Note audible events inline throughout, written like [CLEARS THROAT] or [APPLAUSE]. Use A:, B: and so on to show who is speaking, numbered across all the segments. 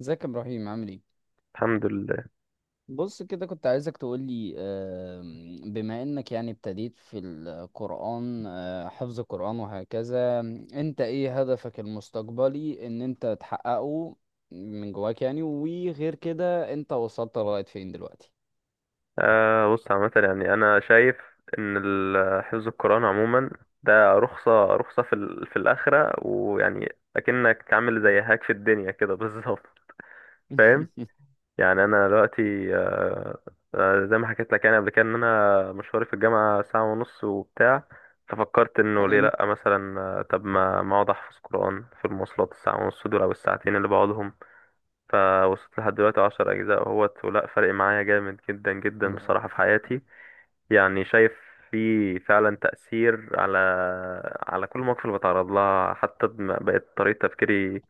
A: ازيك يا ابراهيم عامل ايه؟
B: الحمد لله.
A: بص كده كنت عايزك تقولي، بما انك يعني ابتديت في القرآن، حفظ القرآن وهكذا. انت ايه هدفك المستقبلي ان انت تحققه من جواك يعني؟ وغير كده انت وصلت لغاية فين دلوقتي؟
B: بص، عامة يعني أنا شايف إن حفظ القرآن عموما ده رخصة في في الآخرة، ويعني أكنك عامل زي هاك في الدنيا كده [LAUGHS] بالظبط. فاهم.
A: [LAUGHS]
B: يعني أنا دلوقتي زي ما حكيت لك يعني قبل كده إن أنا مشواري في الجامعة ساعة ونص وبتاع. ففكرت إنه ليه
A: حلو.
B: لأ مثلا، طب ما أقعد أحفظ قرآن في المواصلات الساعة ونص دول أو الساعتين اللي بقعدهم. فوصلت لحد دلوقتي عشر أجزاء اهوت ولا، فرق معايا جامد جدا جدا
A: واو.
B: بصراحة في حياتي. يعني شايف في فعلا تأثير على كل مواقف اللي بتعرض لها، حتى بقت طريقة تفكيري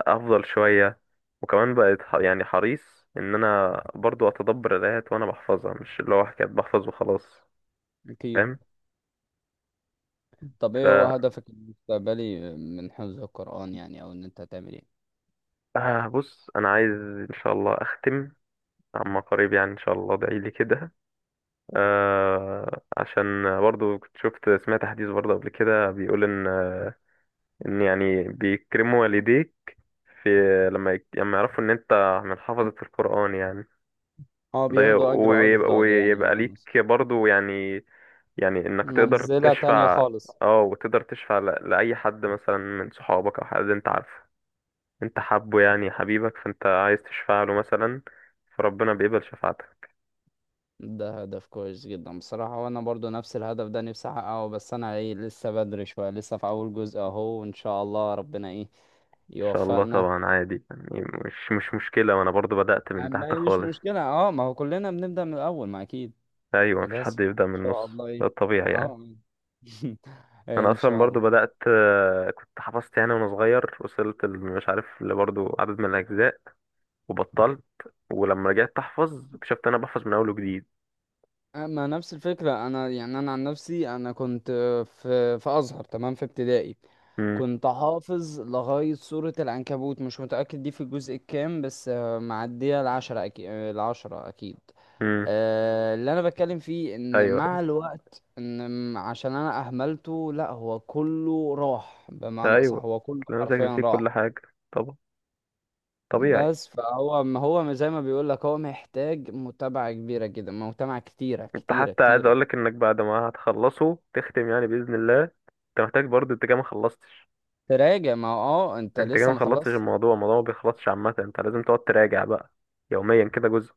B: أفضل شوية. وكمان بقت يعني حريص إن أنا برضو أتدبر الآيات وأنا بحفظها، مش اللي هو حكاية بحفظ وخلاص.
A: اكيد.
B: فاهم.
A: طب
B: ف
A: ايه هو هدفك المستقبلي من حفظ القرآن يعني، او ان انت تعمل ايه؟
B: بص أنا عايز إن شاء الله أختم عما قريب، يعني إن شاء الله ادعيلي كده. آه، عشان برضو كنت شفت سمعت حديث برضو قبل كده بيقول ان ان يعني بيكرموا والديك في لما يعرفوا ان انت من حفظة القرآن يعني.
A: هو
B: ده غير-
A: بياخدوا اجر
B: ويبقى,
A: اجر يعني يا،
B: ويبقى ليك برضو يعني، يعني انك تقدر
A: منزلة تانية
B: تشفع.
A: خالص.
B: اه وتقدر تشفع لأي حد مثلا من صحابك او حد انت عارفه انت حابه، يعني حبيبك، فانت عايز تشفع له مثلا فربنا بيقبل شفاعتك.
A: ده هدف كويس جدا بصراحة، وانا برضو نفس الهدف ده نفسي احققه، بس انا ايه لسه بدري شوية، لسه في اول جزء اهو، وان شاء الله ربنا ايه
B: ان شاء الله
A: يوفقنا.
B: طبعا عادي يعني، مش مشكلة، وانا برضو بدأت من تحت
A: مش
B: خالص.
A: مشكلة، اه، ما هو كلنا بنبدأ من الاول، ما اكيد.
B: ايوه مفيش
A: بس
B: حد يبدأ
A: ان
B: من
A: شاء
B: النص،
A: الله
B: ده
A: ايه.
B: الطبيعي يعني.
A: اه. [LAUGHS]
B: انا
A: ان
B: اصلا
A: شاء
B: برضو
A: الله.
B: بدأت، كنت حفظت يعني وانا صغير، وصلت مش عارف لبرضو عدد من الاجزاء وبطلت، ولما رجعت احفظ اكتشفت انا بحفظ من اول وجديد.
A: اما نفس الفكرة، انا يعني انا عن نفسي انا كنت في ازهر، تمام، في ابتدائي.
B: امم.
A: كنت حافظ لغاية سورة العنكبوت، مش متأكد دي في الجزء الكام، بس معدية العشرة أكيد، العشرة أكيد.
B: امم.
A: اللي أنا بتكلم فيه إن
B: ايوه. ايوه.
A: مع الوقت، إن عشان أنا أهملته لأ، هو كله راح. بمعنى أصح،
B: ايوه
A: هو كله
B: تلاقي نفسك
A: حرفيا
B: نسيت
A: راح.
B: كل حاجة، طبعا، طبيعي.
A: بس فهو ما هو زي ما بيقول لك، هو محتاج متابعة كبيرة جدا، متابعة كتيرة
B: انت
A: كتيرة
B: حتى عايز
A: كتيرة.
B: اقولك انك بعد ما هتخلصه تختم يعني بإذن الله، انت محتاج برضو، انت كده ما خلصتش،
A: تراجع، ما هو اه انت
B: انت كده
A: لسه
B: ما
A: ما
B: خلصتش
A: خلصت.
B: الموضوع ما بيخلصش عامة، انت لازم تقعد تراجع بقى يوميا كده جزء.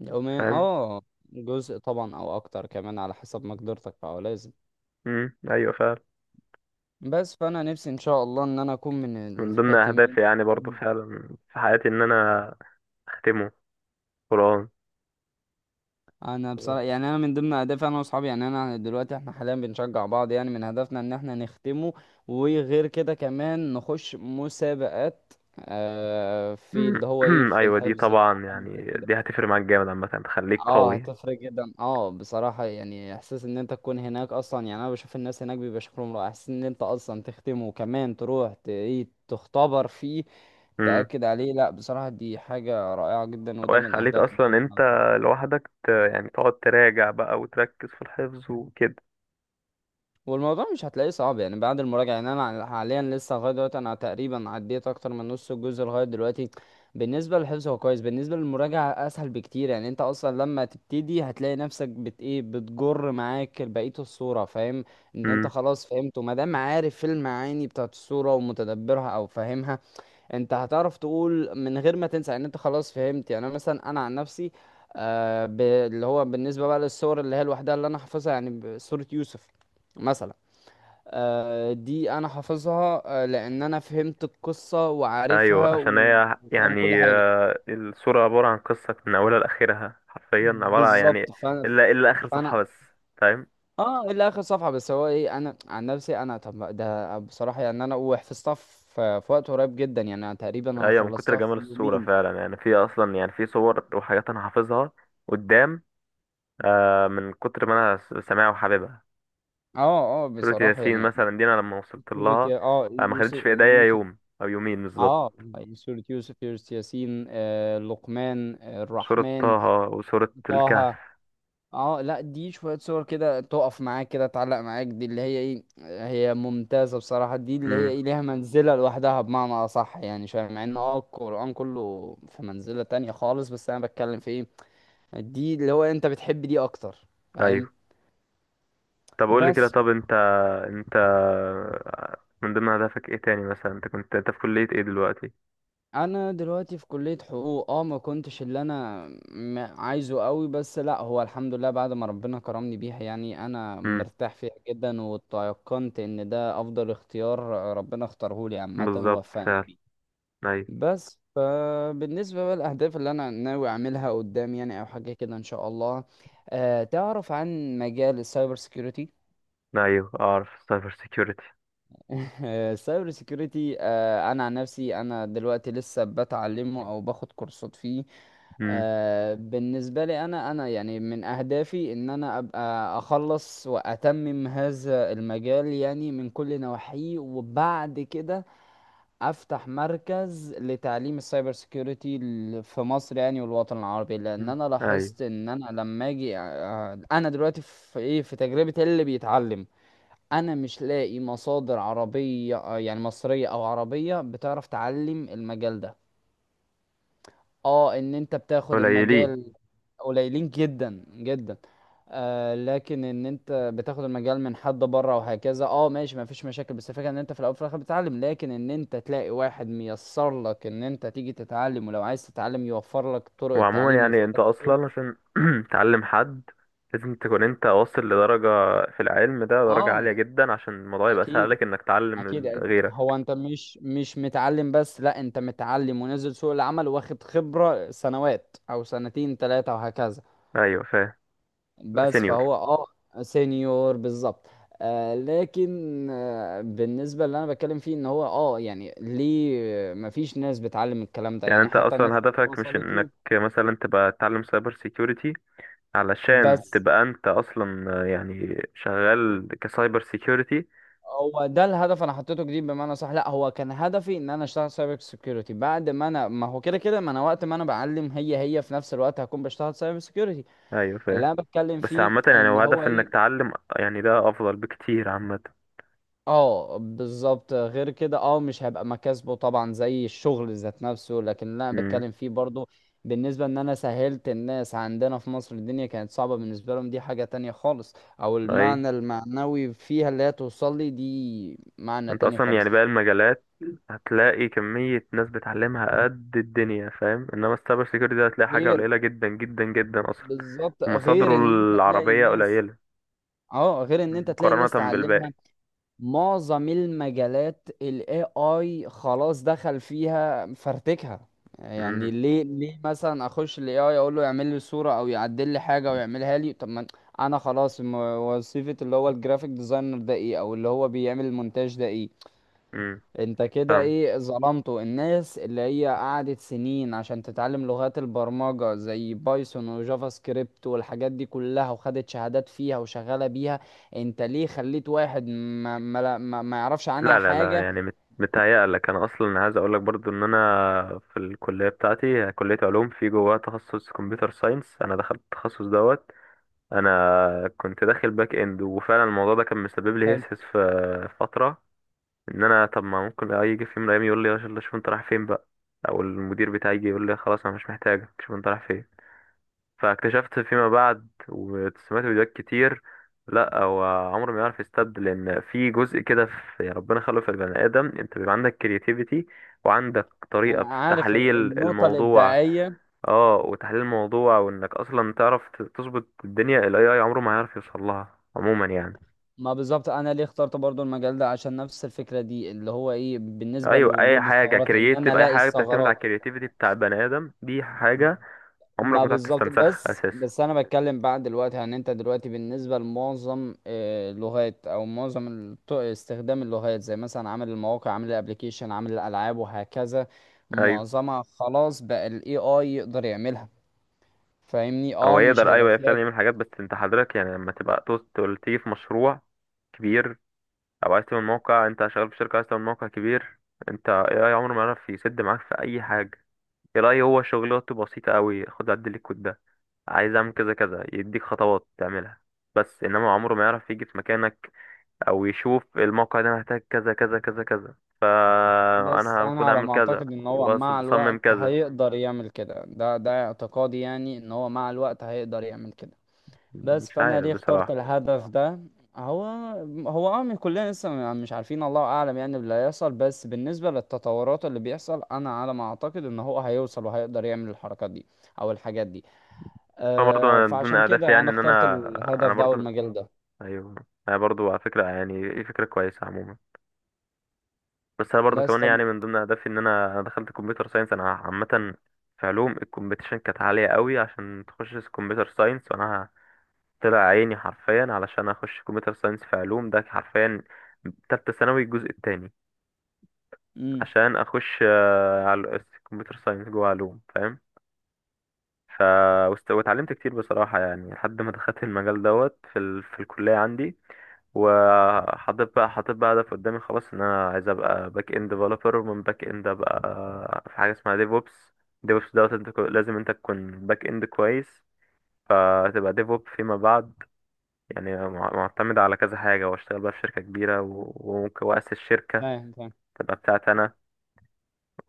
A: يومين
B: فاهم.
A: اه، جزء طبعا او اكتر كمان على حسب مقدرتك، فهو لازم.
B: امم. ايوه فعلا.
A: بس فانا نفسي ان شاء الله ان انا اكون من
B: من ضمن اهدافي
A: الخاتمين.
B: يعني برضو
A: والله.
B: فعلا في حياتي ان انا اختمه، قرآن.
A: انا بصراحه يعني انا من ضمن اهدافي انا واصحابي، يعني انا دلوقتي احنا حاليا بنشجع بعض، يعني من هدفنا ان احنا نختمه. وغير كده كمان نخش مسابقات، في اللي هو ايه
B: [CLEARS THROAT]
A: في
B: ايوه دي
A: الحفظ يعني، أو
B: طبعا،
A: حاجه زي
B: يعني
A: كده.
B: دي هتفرق معاك جامد عامة، تخليك
A: اه
B: قوي.
A: هتفرق جدا، اه بصراحة يعني احساس ان انت تكون هناك اصلا، يعني انا بشوف الناس هناك بيبقى شكلهم رائع. احساس ان انت اصلا تختم، وكمان تروح ايه تختبر فيه،
B: امم.
A: تأكد عليه. لا بصراحة دي حاجة رائعة جدا، وده من
B: ويخليك
A: اهدافنا
B: اصلا
A: يعني
B: انت
A: انا.
B: لوحدك يعني تقعد تراجع بقى وتركز في الحفظ وكده.
A: والموضوع مش هتلاقيه صعب يعني بعد المراجعة. يعني أنا حاليا لسه لغاية دلوقتي، أنا تقريبا عديت أكتر من نص الجزء لغاية دلوقتي. بالنسبة للحفظ هو كويس، بالنسبة للمراجعة أسهل بكتير. يعني أنت أصلا لما تبتدي هتلاقي نفسك بت إيه، بتجر معاك بقية الصورة، فاهم؟ إن أنت خلاص فهمت، ومادام عارف المعاني بتاعت الصورة ومتدبرها أو فاهمها، أنت هتعرف تقول من غير ما تنسى، إن أنت خلاص فهمت. يعني أنا مثلا، أنا عن نفسي اللي هو بالنسبة بقى للصور اللي هي لوحدها اللي أنا حافظها، يعني صورة يوسف مثلا، دي انا حافظها، لان انا فهمت القصة
B: ايوه
A: وعارفها،
B: عشان هي
A: وفاهم كل
B: يعني،
A: حاجة.
B: الصورة عبارة عن قصة من اولها لاخرها حرفيا، يعني
A: بالظبط. فانا
B: الا اخر صفحة
A: فانا
B: بس. فاهم.
A: اه الى اخر صفحة بس، هو ايه انا عن نفسي انا، طب ما ده بصراحة يعني انا وحفظتها في وقت قريب جدا، يعني أنا تقريبا انا
B: ايوه من كتر
A: خلصتها
B: جمال
A: في
B: الصورة
A: يومين.
B: فعلا، يعني في اصلا يعني في صور وحاجات انا حافظها قدام، من كتر ما انا سامعها وحاببها.
A: اه اه
B: سورة
A: بصراحة
B: ياسين
A: يعني.
B: مثلا دي انا لما وصلت لها
A: اه
B: ما خدتش
A: يوسف،
B: في ايديا
A: يوسف.
B: يوم او يومين
A: اه
B: بالظبط.
A: سورة يوسف، يوسف، ياسين، آه لقمان، آه
B: سورة طه
A: الرحمن،
B: وسورة الكهف.
A: طه. اه لا، دي شوية صور كده تقف معاك، كده تعلق معاك، دي اللي هي ايه، هي ممتازة بصراحة. دي اللي هي
B: امم.
A: ايه، ليها منزلة لوحدها، بمعنى أصح يعني شوية، مع ان اه القرآن كله في منزلة تانية خالص، بس انا بتكلم في ايه، دي اللي هو انت بتحب دي اكتر، فاهم؟
B: طب قول لي كده،
A: بس
B: طب انت من ضمن اهدافك ايه تاني مثلا؟ انت في كلية ايه دلوقتي؟
A: انا دلوقتي في كلية حقوق، اه ما كنتش اللي انا عايزه قوي، بس لا هو الحمد لله بعد ما ربنا كرمني بيها، يعني انا
B: امم.
A: مرتاح فيها جدا، وتيقنت ان ده افضل اختيار ربنا اختاره لي عامة
B: بالظبط
A: ووفقني
B: فعلا.
A: بيه.
B: ايوه.
A: بس فبالنسبة بقى للاهداف اللي انا ناوي اعملها قدام يعني، او حاجة كده ان شاء الله، أه تعرف عن مجال السايبر سيكيورتي؟
B: ايوه اعرف السايبر سيكيورتي.
A: [LAUGHS] السايبر سيكيورتي، انا عن نفسي انا دلوقتي لسه بتعلمه، او باخد كورسات فيه.
B: امم.
A: بالنسبه لي انا يعني من اهدافي ان انا ابقى اخلص واتمم هذا المجال يعني من كل نواحيه، وبعد كده افتح مركز لتعليم السايبر سيكيورتي في مصر يعني والوطن العربي. لان
B: أمم.
A: انا
B: ايوه.
A: لاحظت ان انا لما اجي، انا دلوقتي في ايه في تجربه اللي بيتعلم، انا مش لاقي مصادر عربية، يعني مصرية او عربية بتعرف تعلم المجال ده. اه ان انت بتاخد
B: قليلين.
A: المجال قليلين جدا جدا. آه لكن ان انت بتاخد المجال من حد بره وهكذا، اه ماشي ما فيش مشاكل. بس الفكره ان انت في الاول وفي الاخر بتتعلم، لكن ان انت تلاقي واحد ميسر لك ان انت تيجي تتعلم، ولو عايز تتعلم يوفر لك طرق
B: وعموما
A: التعليم
B: يعني
A: ويوفر
B: انت
A: لك الحلول.
B: اصلا عشان [CLEARS THROAT] تعلم حد لازم تكون انت واصل لدرجة في العلم ده درجة عالية
A: اه
B: جدا، عشان الموضوع يبقى سهل
A: اكيد.
B: لك انك تعلم
A: اكيد أكيد. هو
B: غيرك.
A: انت مش متعلم بس، لا انت متعلم ونزل سوق العمل واخد خبرة سنوات، او سنتين ثلاثة وهكذا.
B: ايوه فاهم. يبقى
A: بس
B: سينيور.
A: فهو اه سينيور بالظبط. آه لكن آه بالنسبة اللي انا بتكلم فيه ان هو اه يعني ليه مفيش ناس بتعلم الكلام ده
B: يعني
A: يعني،
B: انت
A: حتى الناس
B: اصلا
A: اللي
B: هدفك مش
A: وصلت
B: انك
A: له.
B: مثلا تبقى تتعلم سايبر سيكيورتي علشان
A: بس
B: تبقى انت اصلا، يعني شغال كسايبر سيكيورتي.
A: هو ده الهدف انا حطيته جديد، بمعنى صح لا هو كان هدفي ان انا اشتغل سايبر سيكيورتي، بعد ما انا ما هو كده كده، ما انا وقت ما انا بعلم هي هي في نفس الوقت هكون بشتغل سايبر سيكيورتي.
B: ايوه
A: اللي
B: فاهم.
A: انا بتكلم
B: بس
A: فيه
B: عامة يعني
A: ان
B: هو
A: هو
B: هدف انك
A: ايه،
B: تعلم، يعني ده افضل بكتير عامة.
A: اه بالظبط. غير كده اه مش هيبقى مكاسبه طبعا زي الشغل ذات نفسه، لكن اللي انا
B: امم.
A: بتكلم فيه برضو بالنسبة ان انا سهلت الناس عندنا في مصر، الدنيا كانت صعبة بالنسبة لهم، دي حاجة تانية خالص. او
B: اي،
A: المعنى المعنوي فيها اللي هي توصل لي، دي معنى
B: انت
A: تاني
B: اصلا
A: خالص.
B: يعني باقي المجالات هتلاقي كمية ناس بتعلمها قد الدنيا، فاهم، انما السايبر سيكيورتي ده هتلاقي حاجة
A: غير
B: قليلة جدا جدا جدا اصلا،
A: بالظبط،
B: ومصادره
A: غير ان انت تلاقي
B: العربية
A: ناس،
B: قليلة
A: اه غير ان انت تلاقي ناس
B: مقارنة
A: تعلمها.
B: بالباقي.
A: معظم المجالات الاي اي خلاص دخل فيها فرتكها. يعني
B: امم.
A: ليه ليه مثلا اخش الاي اي اقول له يعمل لي صورة او يعدل لي حاجة ويعملها لي، طب ما أنا انا خلاص وظيفة اللي هو الجرافيك ديزاينر ده ايه، او اللي هو بيعمل المونتاج ده ايه؟
B: امم.
A: انت كده
B: فاهم.
A: ايه ظلمته، الناس اللي هي قعدت سنين عشان تتعلم لغات البرمجة زي بايثون وجافا سكريبت والحاجات دي كلها، وخدت شهادات فيها وشغالة بيها. انت ليه خليت واحد ما يعرفش عنها
B: لا لا لا
A: حاجة؟
B: يعني متهيألك، انا اصلا عايز اقول لك برضو ان انا في الكليه بتاعتي كليه علوم، في جواها تخصص كمبيوتر ساينس، انا دخلت التخصص دوت. انا كنت داخل باك اند، وفعلا الموضوع ده كان مسبب لي
A: حلو.
B: هسهس في فتره ان انا طب ما ممكن يجي في يوم من الايام يقول لي يا شيخ شوف انت رايح فين بقى، او المدير بتاعي يجي يقول لي خلاص انا مش محتاجك شوف انت رايح فين. فاكتشفت فيما بعد وسمعت فيديوهات كتير، لا هو عمره ما يعرف يستبدل، لان في جزء كده في يعني ربنا خلقه في البني ادم، انت بيبقى عندك كرياتيفيتي وعندك طريقه
A: انا
B: في
A: عارف
B: تحليل
A: النقطة
B: الموضوع.
A: الابداعية.
B: اه، وتحليل الموضوع وانك اصلا تعرف تظبط الدنيا، الاي اي عمره ما هيعرف يوصل لها عموما يعني.
A: ما بالظبط انا ليه اخترت برضو المجال ده، عشان نفس الفكرة دي اللي هو ايه بالنسبة
B: ايوه اي
A: لوجود
B: حاجه
A: الثغرات، ان انا
B: كرياتيف، اي
A: الاقي
B: حاجه بتعتمد على
A: الثغرات.
B: الكرياتيفيتي بتاع البني ادم، دي حاجه عمرك
A: ما
B: ما تعرف
A: بالظبط.
B: تستنسخها
A: بس
B: اساسا.
A: بس انا بتكلم بقى دلوقتي عن انت دلوقتي بالنسبه لمعظم، اللغات او معظم استخدام اللغات زي مثلا عامل المواقع، عامل الابليكيشن، عامل الالعاب وهكذا.
B: ايوه.
A: معظمها خلاص بقى الاي اي يقدر يعملها، فاهمني؟
B: هو
A: اه مش
B: يقدر،
A: هيبقى
B: ايوه
A: فيها.
B: فعلا يعمل حاجات، بس انت حضرتك يعني لما تبقى توصل تيجي في مشروع كبير، او عايز تعمل موقع، انت شغال في شركه عايز تعمل موقع كبير، انت اي اي عمره ما يعرف يسد معاك في اي حاجه. اي هو شغلته بسيطه قوي، خد عدل لي الكود ده، عايز اعمل كذا كذا، يديك خطوات تعملها. بس انما عمره ما يعرف يجي في مكانك، او يشوف الموقع ده محتاج كذا كذا كذا كذا
A: بس
B: فانا
A: انا
B: المفروض
A: على
B: اعمل
A: ما
B: كذا
A: اعتقد ان هو مع
B: واصمم
A: الوقت
B: كذا.
A: هيقدر يعمل كده، ده اعتقادي يعني، ان هو مع الوقت هيقدر يعمل كده. بس
B: مش
A: فانا
B: عارف
A: ليه اخترت
B: بصراحه.
A: الهدف ده، هو هو اه من كلنا لسه مش عارفين، الله اعلم يعني اللي هيحصل، بس بالنسبه للتطورات اللي بيحصل، انا على ما اعتقد ان هو هيوصل وهيقدر يعمل الحركات دي او الحاجات دي.
B: اه برضه
A: آه
B: انا من ضمن
A: فعشان
B: اهدافي
A: كده انا
B: يعني ان
A: اخترت
B: انا
A: الهدف
B: انا
A: ده او
B: برضه،
A: المجال ده.
B: ايوه، انا برضه على فكره يعني ايه، فكره كويسه عموما. بس انا برضه
A: بس
B: كمان
A: طب،
B: يعني من ضمن اهدافي ان انا دخلت كمبيوتر ساينس انا عامه، في علوم الكومبيتيشن كانت عاليه قوي عشان تخش كمبيوتر ساينس، وانا طلع عيني حرفيا علشان اخش كمبيوتر ساينس في علوم ده حرفيا، تالتة ثانوي الجزء التاني،
A: امم،
B: عشان اخش على كمبيوتر ساينس جوه علوم. فاهم. ف واتعلمت كتير بصراحة يعني لحد ما دخلت المجال دوت في في الكلية عندي. وحاطط بقى حاطط بقى هدف قدامي خلاص ان انا عايز ابقى باك اند ديفلوبر، ومن باك اند ابقى في حاجة اسمها ديف اوبس. ديف اوبس دوت انت لازم انت تكون باك اند كويس فتبقى ديف اوب فيما بعد، يعني معتمد على كذا حاجة، واشتغل بقى في شركة كبيرة وممكن واسس شركة
A: فاهم فاهم.
B: تبقى بتاعتي انا.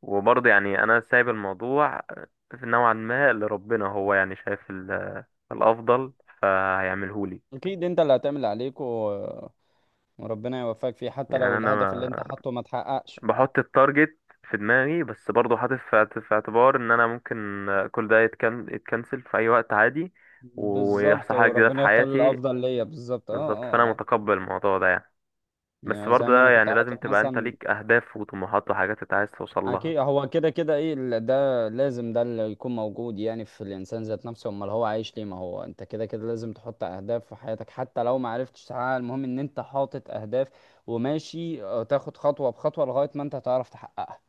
B: وبرضه يعني انا سايب الموضوع في نوعا ما لربنا، هو يعني شايف الافضل فهيعمله لي.
A: اكيد انت اللي هتعمل اللي عليك و... وربنا يوفقك فيه حتى
B: يعني
A: لو
B: انا
A: الهدف اللي
B: ما
A: انت حاطه ما تحققش.
B: بحط التارجت في دماغي، بس برضه حاطط في اعتبار ان انا ممكن كل ده يتكنسل في اي وقت عادي، ويحصل
A: بالظبط
B: حاجه جديده في
A: وربنا يختار
B: حياتي
A: الافضل ليا. بالظبط اه
B: بالظبط. فانا
A: اه اه.
B: متقبل الموضوع ده يعني. بس
A: يعني زي
B: برضه
A: ما
B: ده
A: انا كنت
B: يعني لازم
A: حاطط
B: تبقى انت
A: مثلا.
B: ليك اهداف وطموحات وحاجات انت عايز توصل لها.
A: اكيد هو كده كده ايه ده لازم، ده اللي يكون موجود يعني في الانسان ذات نفسه، امال هو عايش ليه؟ ما هو انت كده كده لازم تحط اهداف في حياتك، حتى لو ما عرفتش تحققها، المهم ان انت حاطط اهداف وماشي، تاخد خطوة بخطوة لغاية ما انت تعرف تحققها.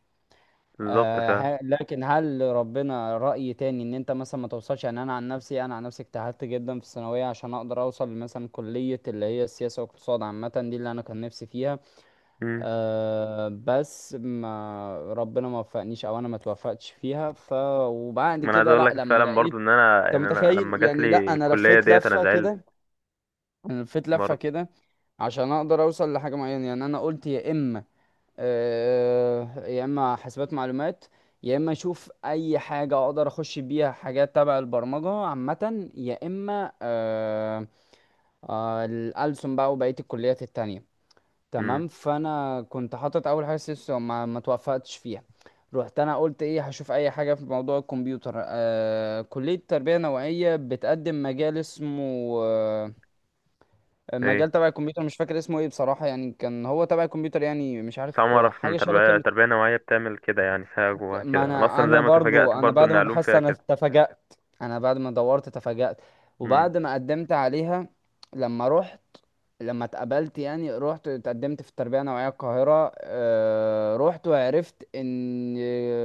B: بالظبط فعلا.
A: لكن هل ربنا رأي تاني ان انت مثلا ما توصلش؟ يعني انا عن نفسي، انا عن نفسي اجتهدت جدا في الثانوية عشان اقدر اوصل مثلا كلية اللي هي السياسة والاقتصاد عامة، دي اللي انا كان نفسي فيها. أه بس ما ربنا ما وفقنيش، او انا ما توفقتش فيها، ف، وبعد
B: ما انا عايز
A: كده
B: اقول
A: لا
B: لك
A: لما
B: فعلا برضو
A: لقيت،
B: ان انا
A: انت
B: يعني انا
A: متخيل
B: لما جات
A: يعني،
B: لي
A: لا انا
B: الكليه
A: لفيت
B: ديت انا
A: لفه
B: زعلت
A: كده، انا لفيت لفه
B: برضو.
A: كده عشان اقدر اوصل لحاجه معينه. يعني انا قلت يا اما، أه يا اما حاسبات معلومات، يا اما اشوف اي حاجه اقدر اخش بيها حاجات تبع البرمجه عامه، يا اما أه، أه الألسن بقى وبقيه الكليات التانية.
B: امم.
A: تمام، فانا كنت حاطط اول حاجه سيسو، ما ما توفقتش فيها. رحت انا قلت ايه هشوف اي حاجه في موضوع الكمبيوتر، آه كليه تربيه نوعيه بتقدم مجال اسمه، آه،
B: ايه.
A: مجال تبع الكمبيوتر مش فاكر اسمه ايه بصراحه، يعني كان هو تبع الكمبيوتر يعني، مش
B: بس
A: عارف
B: أول مرة اعرف ان
A: حاجه شبه
B: تربيه
A: كلمه.
B: تربيه نوعيه بتعمل كده، يعني فيها جواها
A: ما
B: كده، انا
A: انا،
B: اصلا زي
A: انا
B: ما
A: برضو
B: تفاجأت
A: انا
B: برضو
A: بعد
B: ان
A: ما
B: علوم
A: بحثت
B: فيها
A: انا
B: كده.
A: تفاجأت، انا بعد ما دورت تفاجأت،
B: امم.
A: وبعد ما قدمت عليها، لما رحت، لما اتقبلت يعني، رحت اتقدمت في التربية النوعية القاهرة، رحت وعرفت ان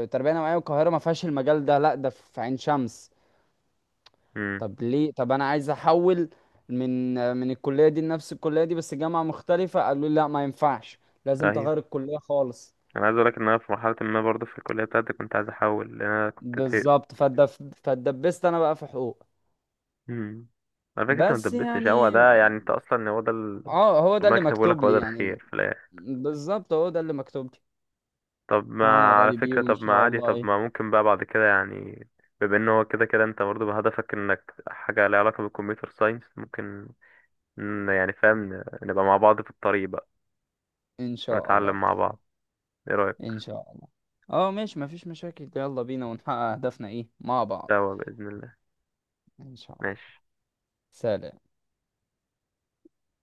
A: التربية النوعية القاهرة ما فيهاش المجال ده، لا ده في عين شمس.
B: امم.
A: طب ليه؟ طب انا عايز احول من الكلية دي لنفس الكلية دي بس جامعة مختلفة، قالوا لي لا ما ينفعش، لازم تغير
B: ايوه
A: الكلية خالص.
B: انا عايز اقول لك ان انا في مرحله ما برضو في الكليه بتاعتي كنت عايز احول لان انا كنت زهقت.
A: بالظبط فاتدبست انا بقى في حقوق.
B: امم. على فكره انت ما
A: بس
B: دبستش، هو
A: يعني
B: ده يعني انت اصلا هو ده
A: اه هو ده
B: ربنا
A: اللي
B: كتبه لك،
A: مكتوب
B: هو ده
A: لي يعني.
B: الخير في الآخر.
A: بالظبط هو ده اللي مكتوب لي،
B: طب ما،
A: وانا
B: على
A: راضي بيه،
B: فكرة،
A: وان
B: طب ما
A: شاء
B: عادي،
A: الله
B: طب
A: ايه.
B: ما ممكن بقى بعد كده يعني، بما ان هو كده كده انت برضه بهدفك انك حاجة لها علاقة بالكمبيوتر ساينس، ممكن يعني فاهم نبقى مع بعض في الطريق بقى
A: ان شاء الله.
B: ونتعلم مع بعض. ايه رأيك؟
A: ان شاء الله. اه ماشي مفيش مشاكل، يلا بينا ونحقق اهدافنا ايه مع بعض.
B: سوا بإذن الله.
A: ان شاء الله.
B: ماشي.
A: سلام.